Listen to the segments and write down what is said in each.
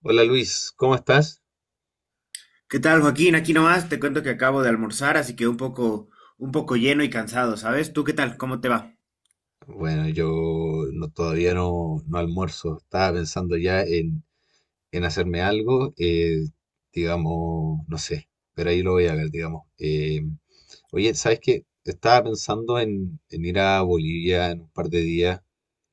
Hola Luis, ¿cómo estás? ¿Qué tal, Joaquín? Aquí nomás te cuento que acabo de almorzar, así que un poco lleno y cansado, ¿sabes? ¿Tú qué tal? ¿Cómo te va? Bueno, yo todavía no almuerzo. Estaba pensando ya en hacerme algo, digamos, no sé, pero ahí lo voy a ver, digamos. Oye, ¿sabes qué? Estaba pensando en ir a Bolivia en un par de días,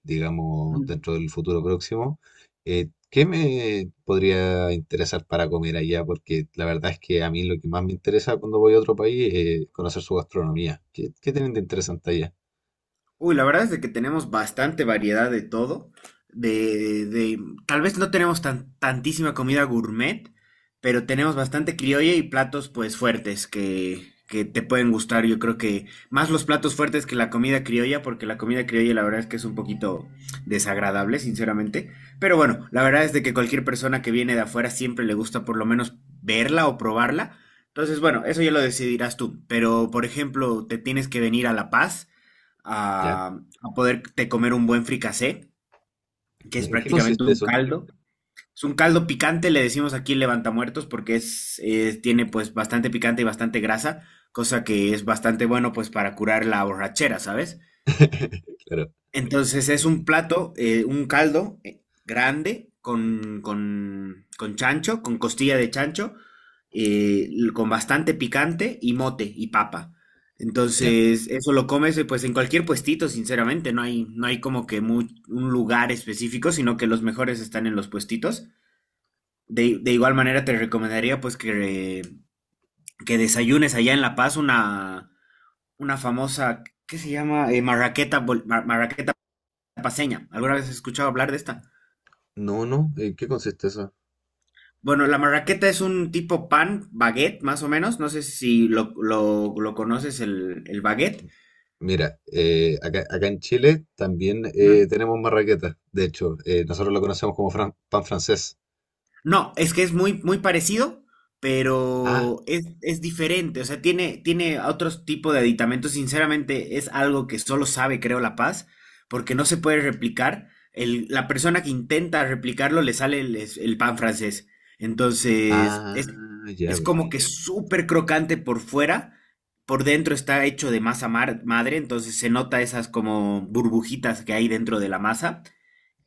digamos, dentro del futuro próximo. ¿Qué me podría interesar para comer allá? Porque la verdad es que a mí lo que más me interesa cuando voy a otro país es conocer su gastronomía. ¿Qué tienen de interesante allá? Uy, la verdad es de que tenemos bastante variedad de todo. De, de- Tal vez no tenemos tantísima comida gourmet, pero tenemos bastante criolla y platos pues fuertes que te pueden gustar. Yo creo que más los platos fuertes que la comida criolla, porque la comida criolla la verdad es que es un poquito desagradable, sinceramente. Pero bueno, la verdad es de que cualquier persona que viene de afuera siempre le gusta por lo menos verla o probarla. Entonces, bueno, eso ya lo decidirás tú. Pero, por ejemplo, te tienes que venir a La Paz a, ¿Ya? a poderte comer un buen fricasé, que es ¿En qué prácticamente consiste un eso? caldo. Es un caldo picante, le decimos aquí levantamuertos, porque es, tiene pues bastante picante y bastante grasa, cosa que es bastante bueno pues para curar la borrachera, ¿sabes? Claro, Entonces es un entiendo. plato, un caldo grande con chancho, con costilla de chancho, con bastante picante y mote y papa. Ya. Entonces eso lo comes pues en cualquier puestito, sinceramente, no hay como que un lugar específico, sino que los mejores están en los puestitos. De igual manera te recomendaría pues que desayunes allá en La Paz una famosa, ¿qué se llama? Marraqueta, marraqueta paseña. ¿Alguna vez has escuchado hablar de esta? No, no, ¿en qué consiste eso? Bueno, la marraqueta es un tipo pan, baguette, más o menos. No sé si lo conoces, el baguette. Mira, acá, acá en Chile también tenemos marraqueta. De hecho, nosotros lo conocemos como pan francés. No, es que es muy, muy parecido, Ah, pero es diferente. O sea, tiene otro tipo de aditamentos. Sinceramente, es algo que solo sabe, creo, La Paz, porque no se puede replicar. La persona que intenta replicarlo le sale el pan francés. Entonces, ah, ya, es como perfecto. que súper crocante por fuera. Por dentro está hecho de masa madre, entonces se nota esas como burbujitas que hay dentro de la masa,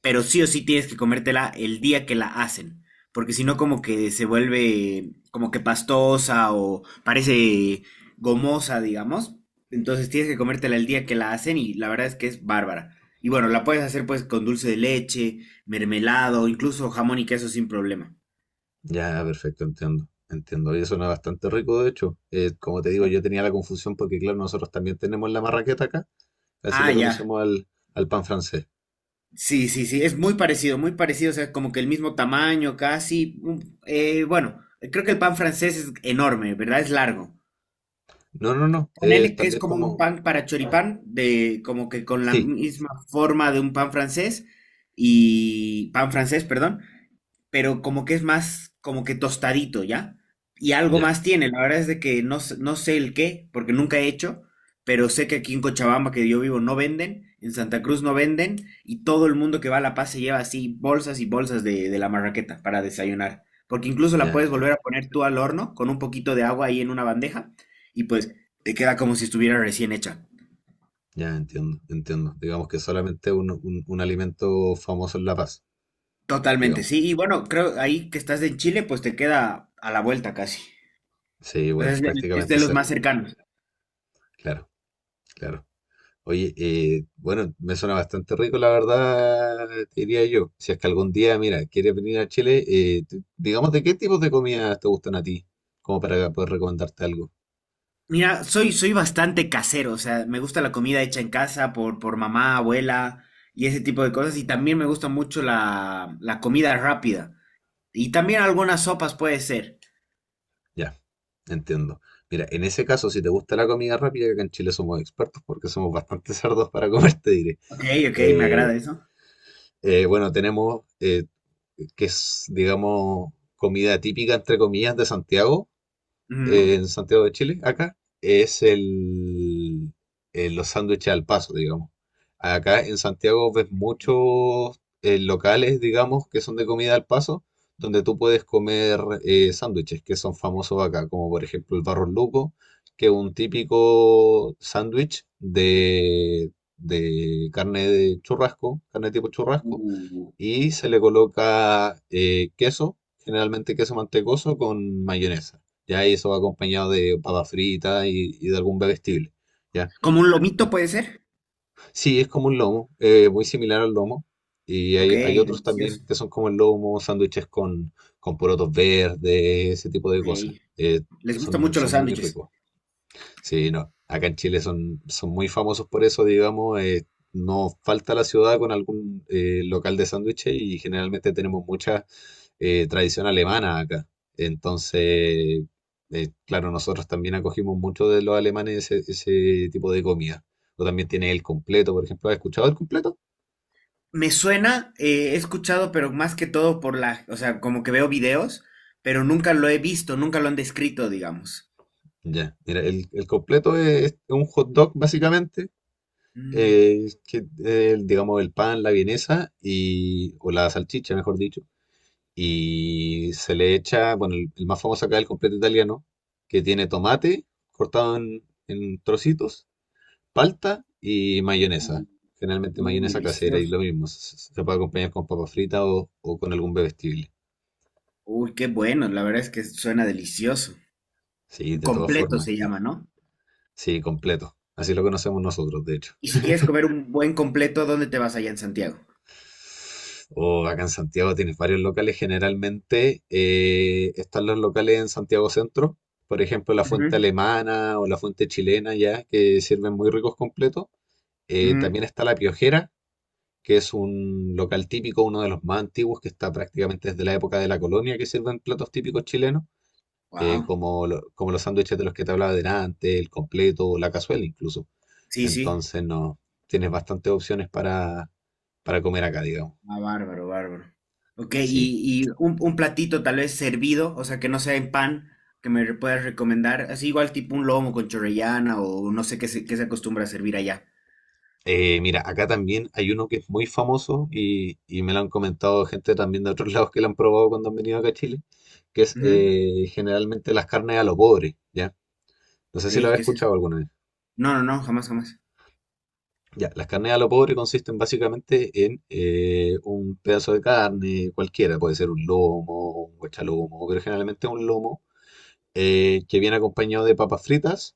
pero sí o sí tienes que comértela el día que la hacen, porque si no como que se vuelve como que pastosa o parece gomosa, digamos. Entonces tienes que comértela el día que la hacen y la verdad es que es bárbara. Y bueno, la puedes hacer pues con dulce de leche, mermelado, incluso jamón y queso sin problema. Ya, perfecto, entiendo. Entiendo. Y suena bastante rico, de hecho. Como te digo, yo tenía la confusión porque, claro, nosotros también tenemos la marraqueta acá. Así Ah, le ya. conocemos al, al pan francés. Sí, sí, sí, es muy parecido, o sea, como que el mismo tamaño casi. Bueno, creo que el pan francés es enorme, ¿verdad? Es largo. No, no, no. Es Ponele que es también como un como. pan para choripán, de, como que con la Sí, misma forma de un pan francés y pan francés, perdón, pero como que es más, como que tostadito, ¿ya? Y algo ya, más tiene, la verdad es de que no, no sé el qué, porque nunca he hecho, pero sé que aquí en Cochabamba, que yo vivo, no venden, en Santa Cruz no venden, y todo el mundo que va a La Paz se lleva así bolsas y bolsas de la marraqueta para desayunar, porque incluso la ya puedes entiendo. volver a poner tú al horno con un poquito de agua ahí en una bandeja, y pues te queda como si estuviera recién hecha. Ya entiendo, entiendo. Digamos que solamente un alimento famoso en La Paz, Totalmente, digamos. sí, y bueno, creo ahí que estás en Chile, pues te queda a la vuelta casi. Sí, O sea, bueno, es de, es prácticamente de los más cerca. cercanos. Claro, claro. Oye, bueno, me suena bastante rico, la verdad, te diría yo. Si es que algún día, mira, quieres venir a Chile, digamos, ¿de qué tipos de comidas te gustan a ti? Como para poder recomendarte algo. Mira, soy, soy bastante casero, o sea, me gusta la comida hecha en casa por mamá, abuela y ese tipo de cosas. Y también me gusta mucho la comida rápida. Y también algunas sopas puede ser. Ya, entiendo. Mira, en ese caso, si te gusta la comida rápida, que acá en Chile somos expertos porque somos bastante cerdos para comer, te diré. Ok, ok, me Eh, agrada eso. Bueno, tenemos que es, digamos, comida típica, entre comillas, de Santiago, Ujú. en Santiago de Chile, acá, es los sándwiches al paso, digamos. Acá en Santiago ves muchos locales, digamos, que son de comida al paso, donde tú puedes comer sándwiches que son famosos acá, como por ejemplo el Barro Luco, que es un típico sándwich de carne de churrasco, carne tipo churrasco Uh, y se le coloca queso, generalmente queso mantecoso con mayonesa. Ya y eso va acompañado de papa frita y de algún bebestible. ¿Ya? Como un lomito puede ser. Sí, es como un lomo, muy similar al lomo. Ok, Hay otros también delicioso. que son como el lomo, con porotos verdes, ese tipo de Ok. cosas. Les gustan Son, mucho los son muy sándwiches. ricos. Sí, no. Acá en Chile son, son muy famosos por eso, digamos. No falta la ciudad con algún local de sándwiches y generalmente tenemos mucha tradición alemana acá. Entonces, claro, nosotros también acogimos mucho de los alemanes ese, ese tipo de comida. O también tiene el completo, por ejemplo. ¿Has escuchado el completo? Me suena, he escuchado, pero más que todo por la, o sea, como que veo videos, pero nunca lo he visto, nunca lo han descrito, digamos. Ya, mira, el completo es, un hot dog básicamente, Mm. Digamos el pan, la vienesa y, o la salchicha, mejor dicho y se le echa, bueno, el más famoso acá es el completo italiano, que tiene tomate cortado en trocitos, palta y mayonesa. Uh. Generalmente Uy, mayonesa casera y lo delicioso. mismo, puede acompañar con papas fritas o con algún bebestible. Uy, qué bueno. La verdad es que suena delicioso. Sí, Un de todas completo formas, se llama, ¿no? sí, completo. Así lo conocemos nosotros, de hecho. Y si quieres comer un buen completo, ¿dónde te vas allá en Santiago? O acá en Santiago tienes varios locales. Generalmente están los locales en Santiago Centro, por ejemplo, la fuente alemana o la fuente chilena, ya que sirven muy ricos completos. También está La Piojera, que es un local típico, uno de los más antiguos, que está prácticamente desde la época de la colonia, que sirven platos típicos chilenos, Wow. Como los sándwiches de los que te hablaba delante, el completo, o la cazuela incluso. Sí, sí. Entonces, no, tienes bastantes opciones para comer acá, digamos. Ah, bárbaro, bárbaro. Ok, Sí. Y un platito tal vez servido, o sea, que no sea en pan, puedas recomendar. Así igual tipo un lomo con chorrellana o no sé qué se acostumbra a servir allá. Mira, acá también hay uno que es muy famoso y me lo han comentado gente también de otros lados que lo han probado cuando han venido acá a Chile, que es Ujú. Generalmente las carnes a lo pobre, ¿ya? No Ok, sé si lo habéis ¿qué es eso? escuchado alguna vez. No, no, no, jamás, jamás. Ya, las carnes a lo pobre consisten básicamente en un pedazo de carne cualquiera, puede ser un lomo, un guachalomo, pero generalmente un lomo que viene acompañado de papas fritas,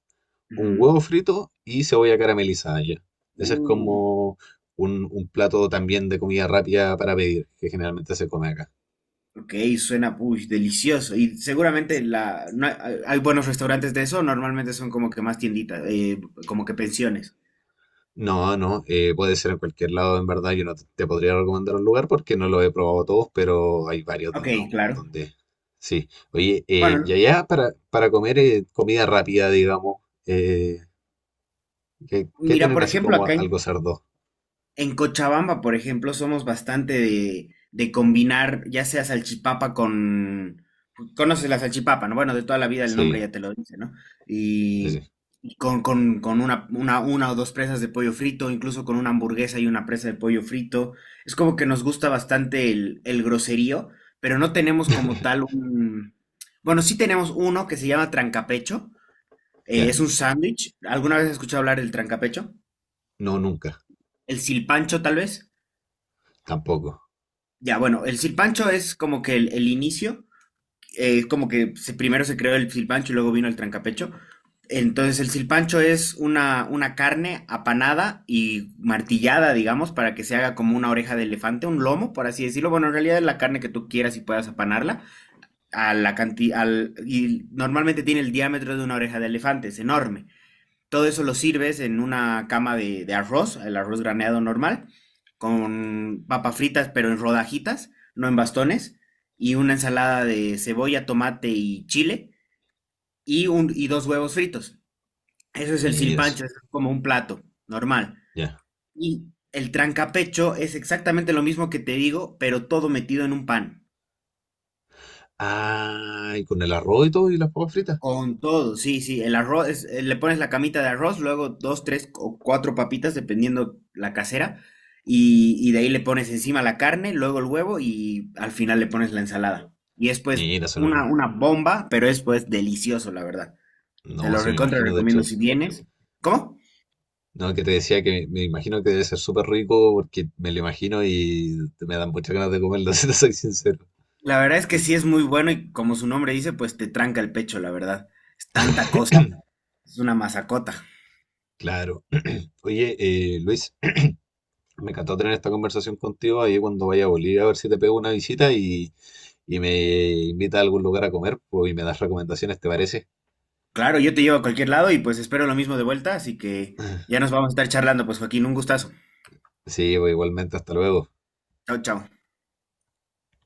un Ujú. huevo frito y cebolla caramelizada ya. Ese es Uh, como un plato también de comida rápida para pedir, que generalmente se come acá. Ok, suena push, delicioso. Y seguramente la, no hay, hay buenos restaurantes de eso, normalmente son como que más tienditas, como que pensiones. No, no, puede ser en cualquier lado, en verdad. Yo no te podría recomendar un lugar porque no lo he probado todos, pero hay varios de Ok, digamos, claro. donde sí. Oye, y Bueno, allá para comer comida rápida, digamos, eh, ¿qué mira, tienen por así ejemplo, como acá algo en cerdo? En Cochabamba, por ejemplo, somos bastante de combinar ya sea salchipapa con... Conoces la salchipapa, ¿no? Bueno, de toda la vida el Sí, nombre ya te lo dice, ¿no? sí, sí. Y, y con una, una o dos presas de pollo frito, incluso con una hamburguesa y una presa de pollo frito. Es como que nos gusta bastante el groserío, pero no tenemos como tal un... Bueno, sí tenemos uno que se llama trancapecho. Eh, Ya, es un sándwich. ¿Alguna vez has escuchado hablar del trancapecho? no, nunca, El silpancho, tal vez. tampoco. Ya, bueno, el silpancho es como que el inicio, es como que primero se creó el silpancho y luego vino el trancapecho. Entonces el silpancho es una carne apanada y martillada, digamos, para que se haga como una oreja de elefante, un lomo, por así decirlo. Bueno, en realidad es la carne que tú quieras y puedas apanarla. A la canti- al, Y normalmente tiene el diámetro de una oreja de elefante, es enorme. Todo eso lo sirves en una cama de arroz, el arroz graneado normal, con papas fritas, pero en rodajitas, no en bastones, y una ensalada de cebolla, tomate y chile, y dos huevos fritos. Eso es el Mira eso, silpancho, es como un plato normal. ya. Y el trancapecho es exactamente lo mismo que te digo, pero todo metido en un pan. Ah, y con el arroz y todo y las papas fritas. Con todo, sí, sí, el arroz, le pones la camita de arroz, luego dos, tres o cuatro papitas, dependiendo la casera, y de ahí le pones encima la carne, luego el huevo y al final le pones la ensalada. Y es pues Mira, suena. una bomba, pero es pues delicioso, la verdad. Te No, no, lo sí me recontra imagino, de recomiendo hecho, si vienes. ¿Cómo? no, que te decía que me imagino que debe ser súper rico porque me lo imagino y me dan muchas ganas de comerlo, si te soy sincero. La verdad es que Sí. sí es muy bueno y como su nombre dice, pues te tranca el pecho, la verdad. Es tanta cosa, es una masacota. Claro. Oye, Luis, me encantó tener esta conversación contigo ahí cuando vaya a Bolivia, a ver si te pego una visita y me invita a algún lugar a comer pues, y me das recomendaciones, ¿te parece? Claro, yo te llevo a cualquier lado y pues espero lo mismo de vuelta, así que ya nos vamos a estar charlando, pues Joaquín, un gustazo. Sí, pues, igualmente, hasta luego. Chao, chao.